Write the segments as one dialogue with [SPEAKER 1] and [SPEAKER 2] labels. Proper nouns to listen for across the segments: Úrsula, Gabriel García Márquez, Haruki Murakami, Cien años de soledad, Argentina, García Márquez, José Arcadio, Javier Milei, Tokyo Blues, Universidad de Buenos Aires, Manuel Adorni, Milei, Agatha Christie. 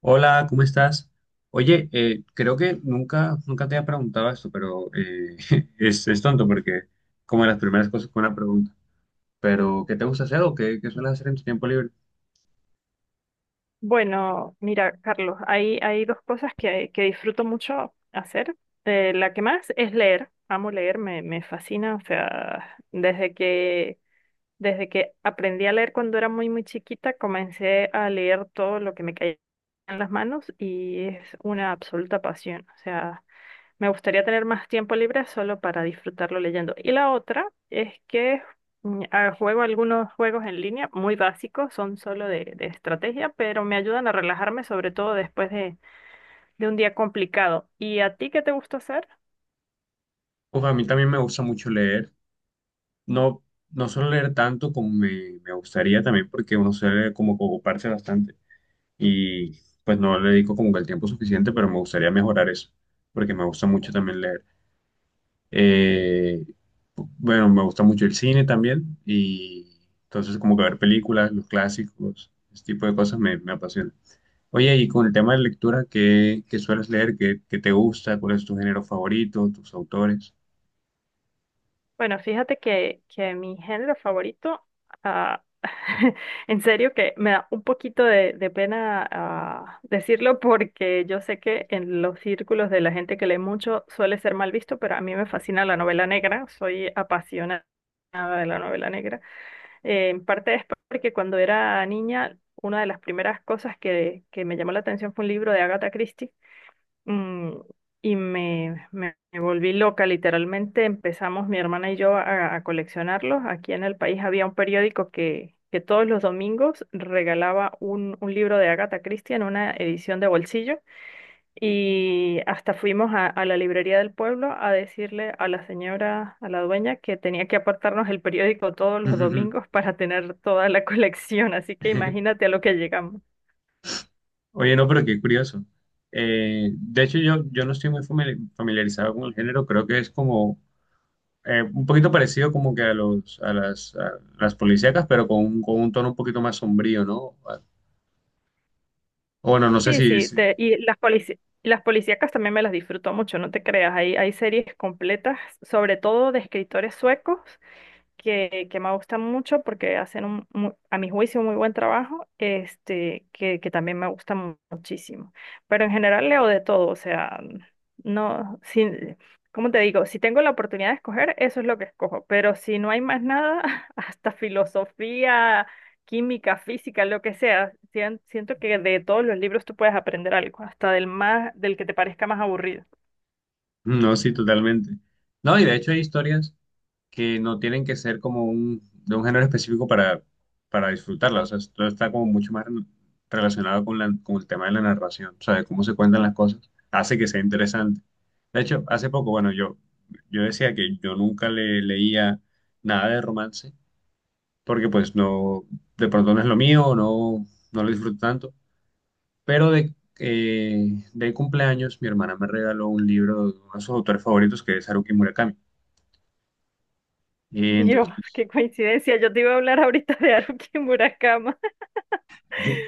[SPEAKER 1] Hola, ¿cómo estás? Oye, creo que nunca te había preguntado esto, pero es tonto porque como de las primeras cosas con una pregunta. Pero, ¿qué te gusta hacer o qué sueles hacer en tu tiempo libre?
[SPEAKER 2] Bueno, mira, Carlos, hay dos cosas que disfruto mucho hacer. La que más es leer. Amo leer, me fascina. O sea, desde que aprendí a leer cuando era muy, muy chiquita, comencé a leer todo lo que me caía en las manos y es una absoluta pasión. O sea, me gustaría tener más tiempo libre solo para disfrutarlo leyendo. Y la otra es que juego algunos juegos en línea muy básicos, son solo de estrategia, pero me ayudan a relajarme, sobre todo después de un día complicado. ¿Y a ti qué te gusta hacer?
[SPEAKER 1] Pues a mí también me gusta mucho leer. No, no suelo leer tanto como me gustaría también porque uno suele como que ocuparse bastante y pues no le dedico como que el tiempo suficiente, pero me gustaría mejorar eso porque me gusta mucho también leer. Eh, bueno, me gusta mucho el cine también y entonces como que ver películas, los clásicos, ese tipo de cosas me apasiona. Oye, y con el tema de lectura, qué sueles leer? Qué te gusta? ¿Cuál es tu género favorito? ¿Tus autores?
[SPEAKER 2] Bueno, fíjate que mi género favorito, ah, en serio que me da un poquito de pena decirlo porque yo sé que en los círculos de la gente que lee mucho suele ser mal visto, pero a mí me fascina la novela negra, soy apasionada de la novela negra. En parte es porque cuando era niña, una de las primeras cosas que me llamó la atención fue un libro de Agatha Christie mm, y me volví loca, literalmente empezamos mi hermana y yo a coleccionarlos. Aquí en el país había un periódico que todos los domingos regalaba un libro de Agatha Christie en una edición de bolsillo y hasta fuimos a la librería del pueblo a decirle a la señora, a la dueña, que tenía que apartarnos el periódico todos los
[SPEAKER 1] Ujú.
[SPEAKER 2] domingos para tener toda la colección. Así que imagínate a lo que llegamos.
[SPEAKER 1] Oye, no, pero qué curioso. De hecho, yo no estoy muy familiarizado con el género, creo que es como un poquito parecido como que a las policíacas, pero con, con un tono un poquito más sombrío, ¿no? O bueno, no sé
[SPEAKER 2] Sí,
[SPEAKER 1] si,
[SPEAKER 2] sí,
[SPEAKER 1] si-
[SPEAKER 2] y las policíacas también me las disfruto mucho, no te creas, hay series completas, sobre todo de escritores suecos, que me gusta mucho porque hacen a mi juicio un muy buen trabajo, este, que también me gusta muchísimo. Pero en general leo de todo, o sea, no, si, ¿cómo te digo? Si tengo la oportunidad de escoger, eso es lo que escojo, pero si no hay más nada, hasta filosofía, química, física, lo que sea, siento que de todos los libros tú puedes aprender algo, hasta del más, del que te parezca más aburrido.
[SPEAKER 1] No, sí, totalmente. No, y de hecho hay historias que no tienen que ser como un, de un género específico para disfrutarlas. O sea, todo está como mucho más relacionado con el tema de la narración, o sea, de cómo se cuentan las cosas. Hace que sea interesante. De hecho, hace poco, bueno, yo decía que yo nunca le leía nada de romance, porque pues no, de pronto no es lo mío, no lo disfruto tanto. Pero eh, de cumpleaños, mi hermana me regaló un libro de uno de sus autores favoritos, que es Haruki Murakami. Y
[SPEAKER 2] Dios,
[SPEAKER 1] entonces,
[SPEAKER 2] qué coincidencia, yo te iba a hablar ahorita de Haruki Murakama.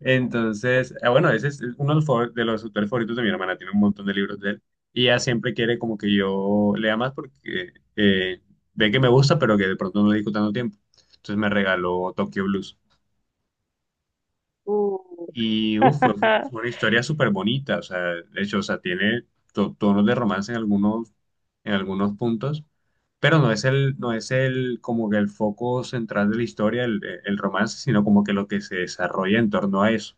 [SPEAKER 1] entonces bueno, ese es uno de los, de los autores favoritos de mi hermana, tiene un montón de libros de él. Y ella siempre quiere como que yo lea más porque ve que me gusta, pero que de pronto no le dedico tanto tiempo. Entonces me regaló Tokyo Blues.
[SPEAKER 2] Uh.
[SPEAKER 1] Y uf, fue una historia súper bonita, o sea, de hecho, o sea, tiene tonos de romance en en algunos puntos, pero no es no es el, como que el foco central de la historia, el romance, sino como que lo que se desarrolla en torno a eso.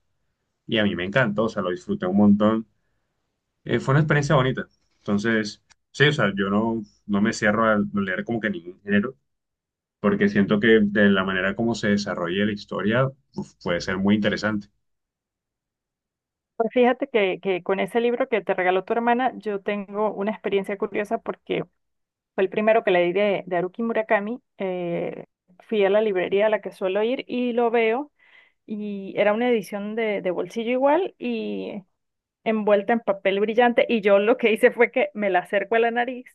[SPEAKER 1] Y a mí me encantó, o sea, lo disfruté un montón. Fue una experiencia bonita. Entonces, sí, o sea, yo no, no me cierro a leer como que ningún género, porque siento que de la manera como se desarrolla la historia, uf, puede ser muy interesante.
[SPEAKER 2] Pues fíjate que con ese libro que te regaló tu hermana, yo tengo una experiencia curiosa porque fue el primero que leí de Haruki Murakami. Fui a la librería a la que suelo ir y lo veo y era una edición de bolsillo igual y envuelta en papel brillante y yo lo que hice fue que me la acerco a la nariz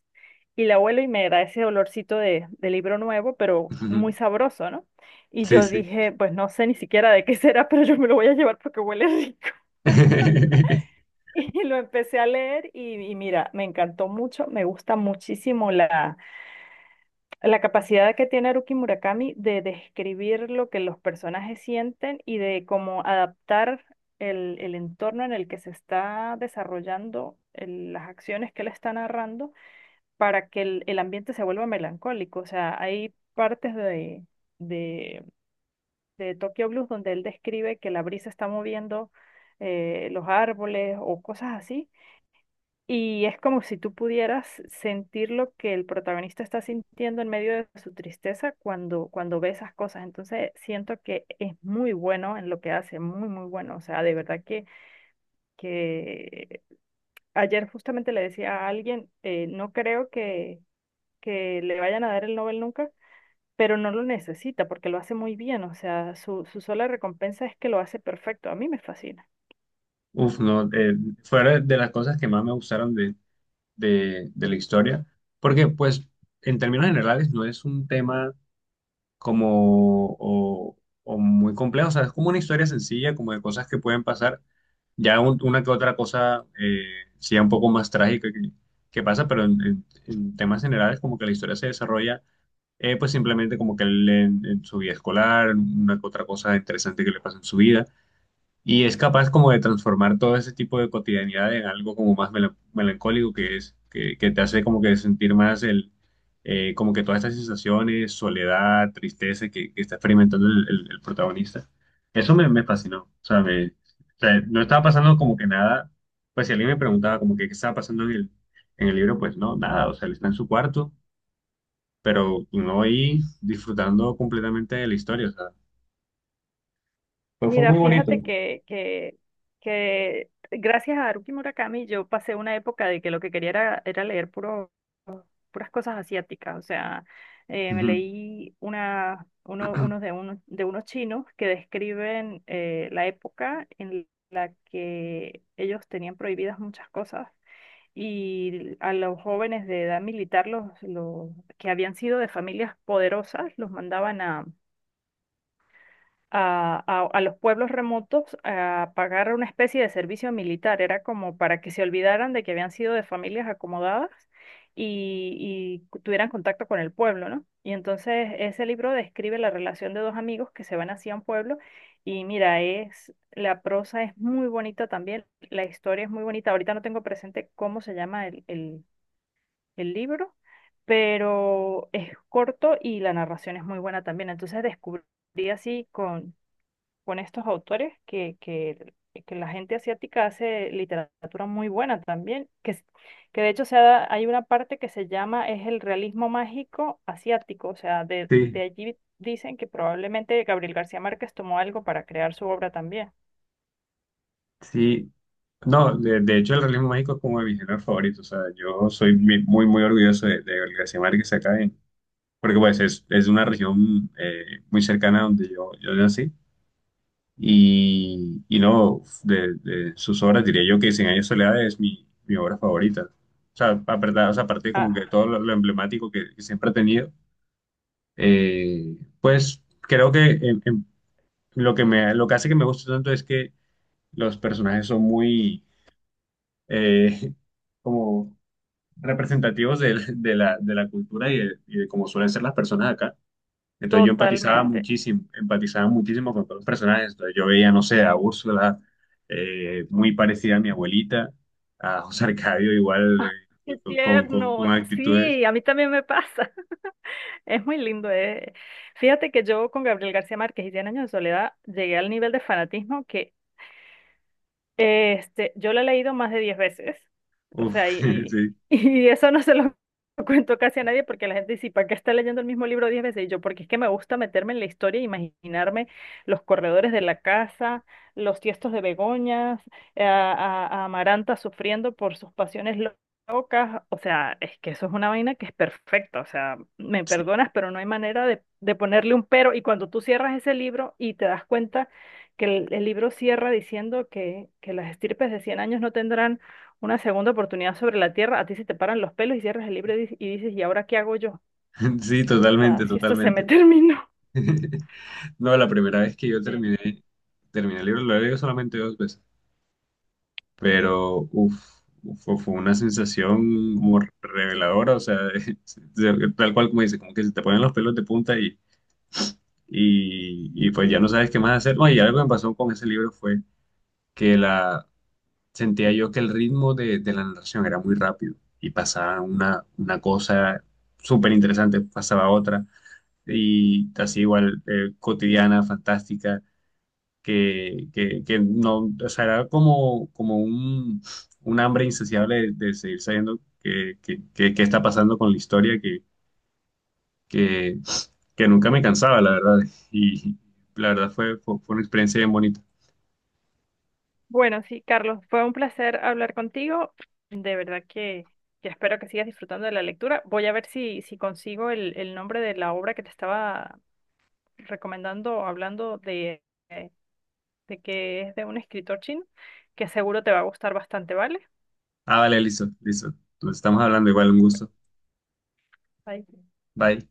[SPEAKER 2] y la huelo y me da ese olorcito de libro nuevo, pero muy sabroso, ¿no? Y
[SPEAKER 1] Sí,
[SPEAKER 2] yo
[SPEAKER 1] sí.
[SPEAKER 2] dije, pues no sé ni siquiera de qué será, pero yo me lo voy a llevar porque huele rico. Y lo empecé a leer y mira, me encantó mucho, me gusta muchísimo la capacidad que tiene Haruki Murakami de describir lo que los personajes sienten y de cómo adaptar el entorno en el que se está desarrollando las acciones que él está narrando para que el ambiente se vuelva melancólico. O sea, hay partes de, de Tokyo Blues donde él describe que la brisa está moviendo los árboles o cosas así y es como si tú pudieras sentir lo que el protagonista está sintiendo en medio de su tristeza cuando ve esas cosas. Entonces siento que es muy bueno en lo que hace, muy, muy bueno. O sea, de verdad que ayer justamente le decía a alguien, no creo que le vayan a dar el Nobel nunca, pero no lo necesita porque lo hace muy bien. O sea, su sola recompensa es que lo hace perfecto. A mí me fascina.
[SPEAKER 1] Uf, no, fuera de las cosas que más me gustaron de la historia, porque pues en términos generales no es un tema como o muy complejo, o sea, es como una historia sencilla, como de cosas que pueden pasar, ya una que otra cosa sí un poco más trágica que pasa, pero en temas generales como que la historia se desarrolla, pues simplemente como que él en su vida escolar, una que otra cosa interesante que le pasa en su vida. Y es capaz como de transformar todo ese tipo de cotidianidad en algo como más melancólico que te hace como que sentir más como que todas estas sensaciones, soledad, tristeza que está experimentando el protagonista. Eso me fascinó. O sea, no estaba pasando como que nada. Pues si alguien me preguntaba como que qué estaba pasando en el libro, pues no, nada. O sea, él está en su cuarto, pero no ahí disfrutando completamente de la historia. O sea, pues fue
[SPEAKER 2] Mira,
[SPEAKER 1] muy claro.
[SPEAKER 2] fíjate
[SPEAKER 1] Bonito.
[SPEAKER 2] que gracias a Haruki Murakami yo pasé una época de que lo que quería era leer puras cosas asiáticas. O sea, me
[SPEAKER 1] Ujú.
[SPEAKER 2] leí una, uno, unos de, unos, de unos chinos que describen la época en la que ellos tenían prohibidas muchas cosas y a los jóvenes de edad militar, los que habían sido de familias poderosas, los mandaban a los pueblos remotos a pagar una especie de servicio militar. Era como para que se olvidaran de que habían sido de familias acomodadas y tuvieran contacto con el pueblo, ¿no? Y entonces ese libro describe la relación de dos amigos que se van hacia un pueblo y mira, es, la prosa es muy bonita también, la historia es muy bonita. Ahorita no tengo presente cómo se llama el libro, pero es corto y la narración es muy buena también. Entonces descubrí así con estos autores que la gente asiática hace literatura muy buena también, que de hecho hay una parte que se llama es el realismo mágico asiático, o sea, de
[SPEAKER 1] Sí,
[SPEAKER 2] allí dicen que probablemente Gabriel García Márquez tomó algo para crear su obra también.
[SPEAKER 1] sí. No, de hecho el realismo mágico es como de mis géneros favoritos. O sea, yo soy muy, muy orgulloso de García Márquez acá, porque pues es una región muy cercana a donde yo nací. Y no, de sus obras diría yo que Cien años de soledad es mi obra favorita. O sea, aparte
[SPEAKER 2] Ah,
[SPEAKER 1] como que todo lo emblemático que siempre ha tenido, eh, pues creo que en lo que lo que hace que me guste tanto es que los personajes son muy... eh, como representativos de la cultura y de cómo suelen ser las personas acá. Entonces yo
[SPEAKER 2] totalmente.
[SPEAKER 1] empatizaba muchísimo con todos los personajes. Entonces yo veía, no sé, a Úrsula, muy parecida a mi abuelita, a José Arcadio igual, eh,
[SPEAKER 2] Qué
[SPEAKER 1] con
[SPEAKER 2] tierno,
[SPEAKER 1] actitudes.
[SPEAKER 2] sí, a mí también me pasa. Es muy lindo. Fíjate que yo con Gabriel García Márquez y Cien años de soledad llegué al nivel de fanatismo que yo lo he leído más de 10 veces, o sea,
[SPEAKER 1] Uf, sí,
[SPEAKER 2] y eso no se lo cuento casi a nadie porque la gente dice, ¿para qué está leyendo el mismo libro 10 veces? Y yo, porque es que me gusta meterme en la historia e imaginarme los corredores de la casa, los tiestos de begonias, a Amaranta sufriendo por sus pasiones locas, o sea, es que eso es una vaina que es perfecta, o sea, me
[SPEAKER 1] sí,
[SPEAKER 2] perdonas, pero no hay manera de ponerle un pero, y cuando tú cierras ese libro y te das cuenta que el libro cierra diciendo que las estirpes de 100 años no tendrán una segunda oportunidad sobre la tierra, a ti se te paran los pelos y cierras el libro y, dices, ¿y ahora qué hago yo? O
[SPEAKER 1] sí,
[SPEAKER 2] sea,
[SPEAKER 1] totalmente,
[SPEAKER 2] si esto se me
[SPEAKER 1] totalmente.
[SPEAKER 2] terminó.
[SPEAKER 1] No, la primera vez que yo
[SPEAKER 2] Sí.
[SPEAKER 1] terminé el libro, lo he leído solamente dos veces. Pero uff, fue una sensación como reveladora, o sea, tal cual como dice, como que se te ponen los pelos de punta y pues ya no sabes qué más hacer. No, y algo que me pasó con ese libro fue que la, sentía yo que el ritmo de la narración era muy rápido y pasaba una cosa súper interesante, pasaba otra. Y así igual, cotidiana, fantástica, que no, o sea, era como, un hambre insaciable de seguir sabiendo qué que- qué está pasando con la historia, que, que nunca me cansaba, la verdad. Y la verdad fue una experiencia bien bonita.
[SPEAKER 2] Bueno, sí, Carlos, fue un placer hablar contigo. De verdad que espero que sigas disfrutando de la lectura. Voy a ver si consigo el nombre de la obra que te estaba recomendando, hablando eh, de que es de un escritor chino, que seguro te va a gustar bastante, ¿vale?
[SPEAKER 1] Ah, vale, listo, listo. Nos estamos hablando igual, un gusto.
[SPEAKER 2] Bye.
[SPEAKER 1] Bye.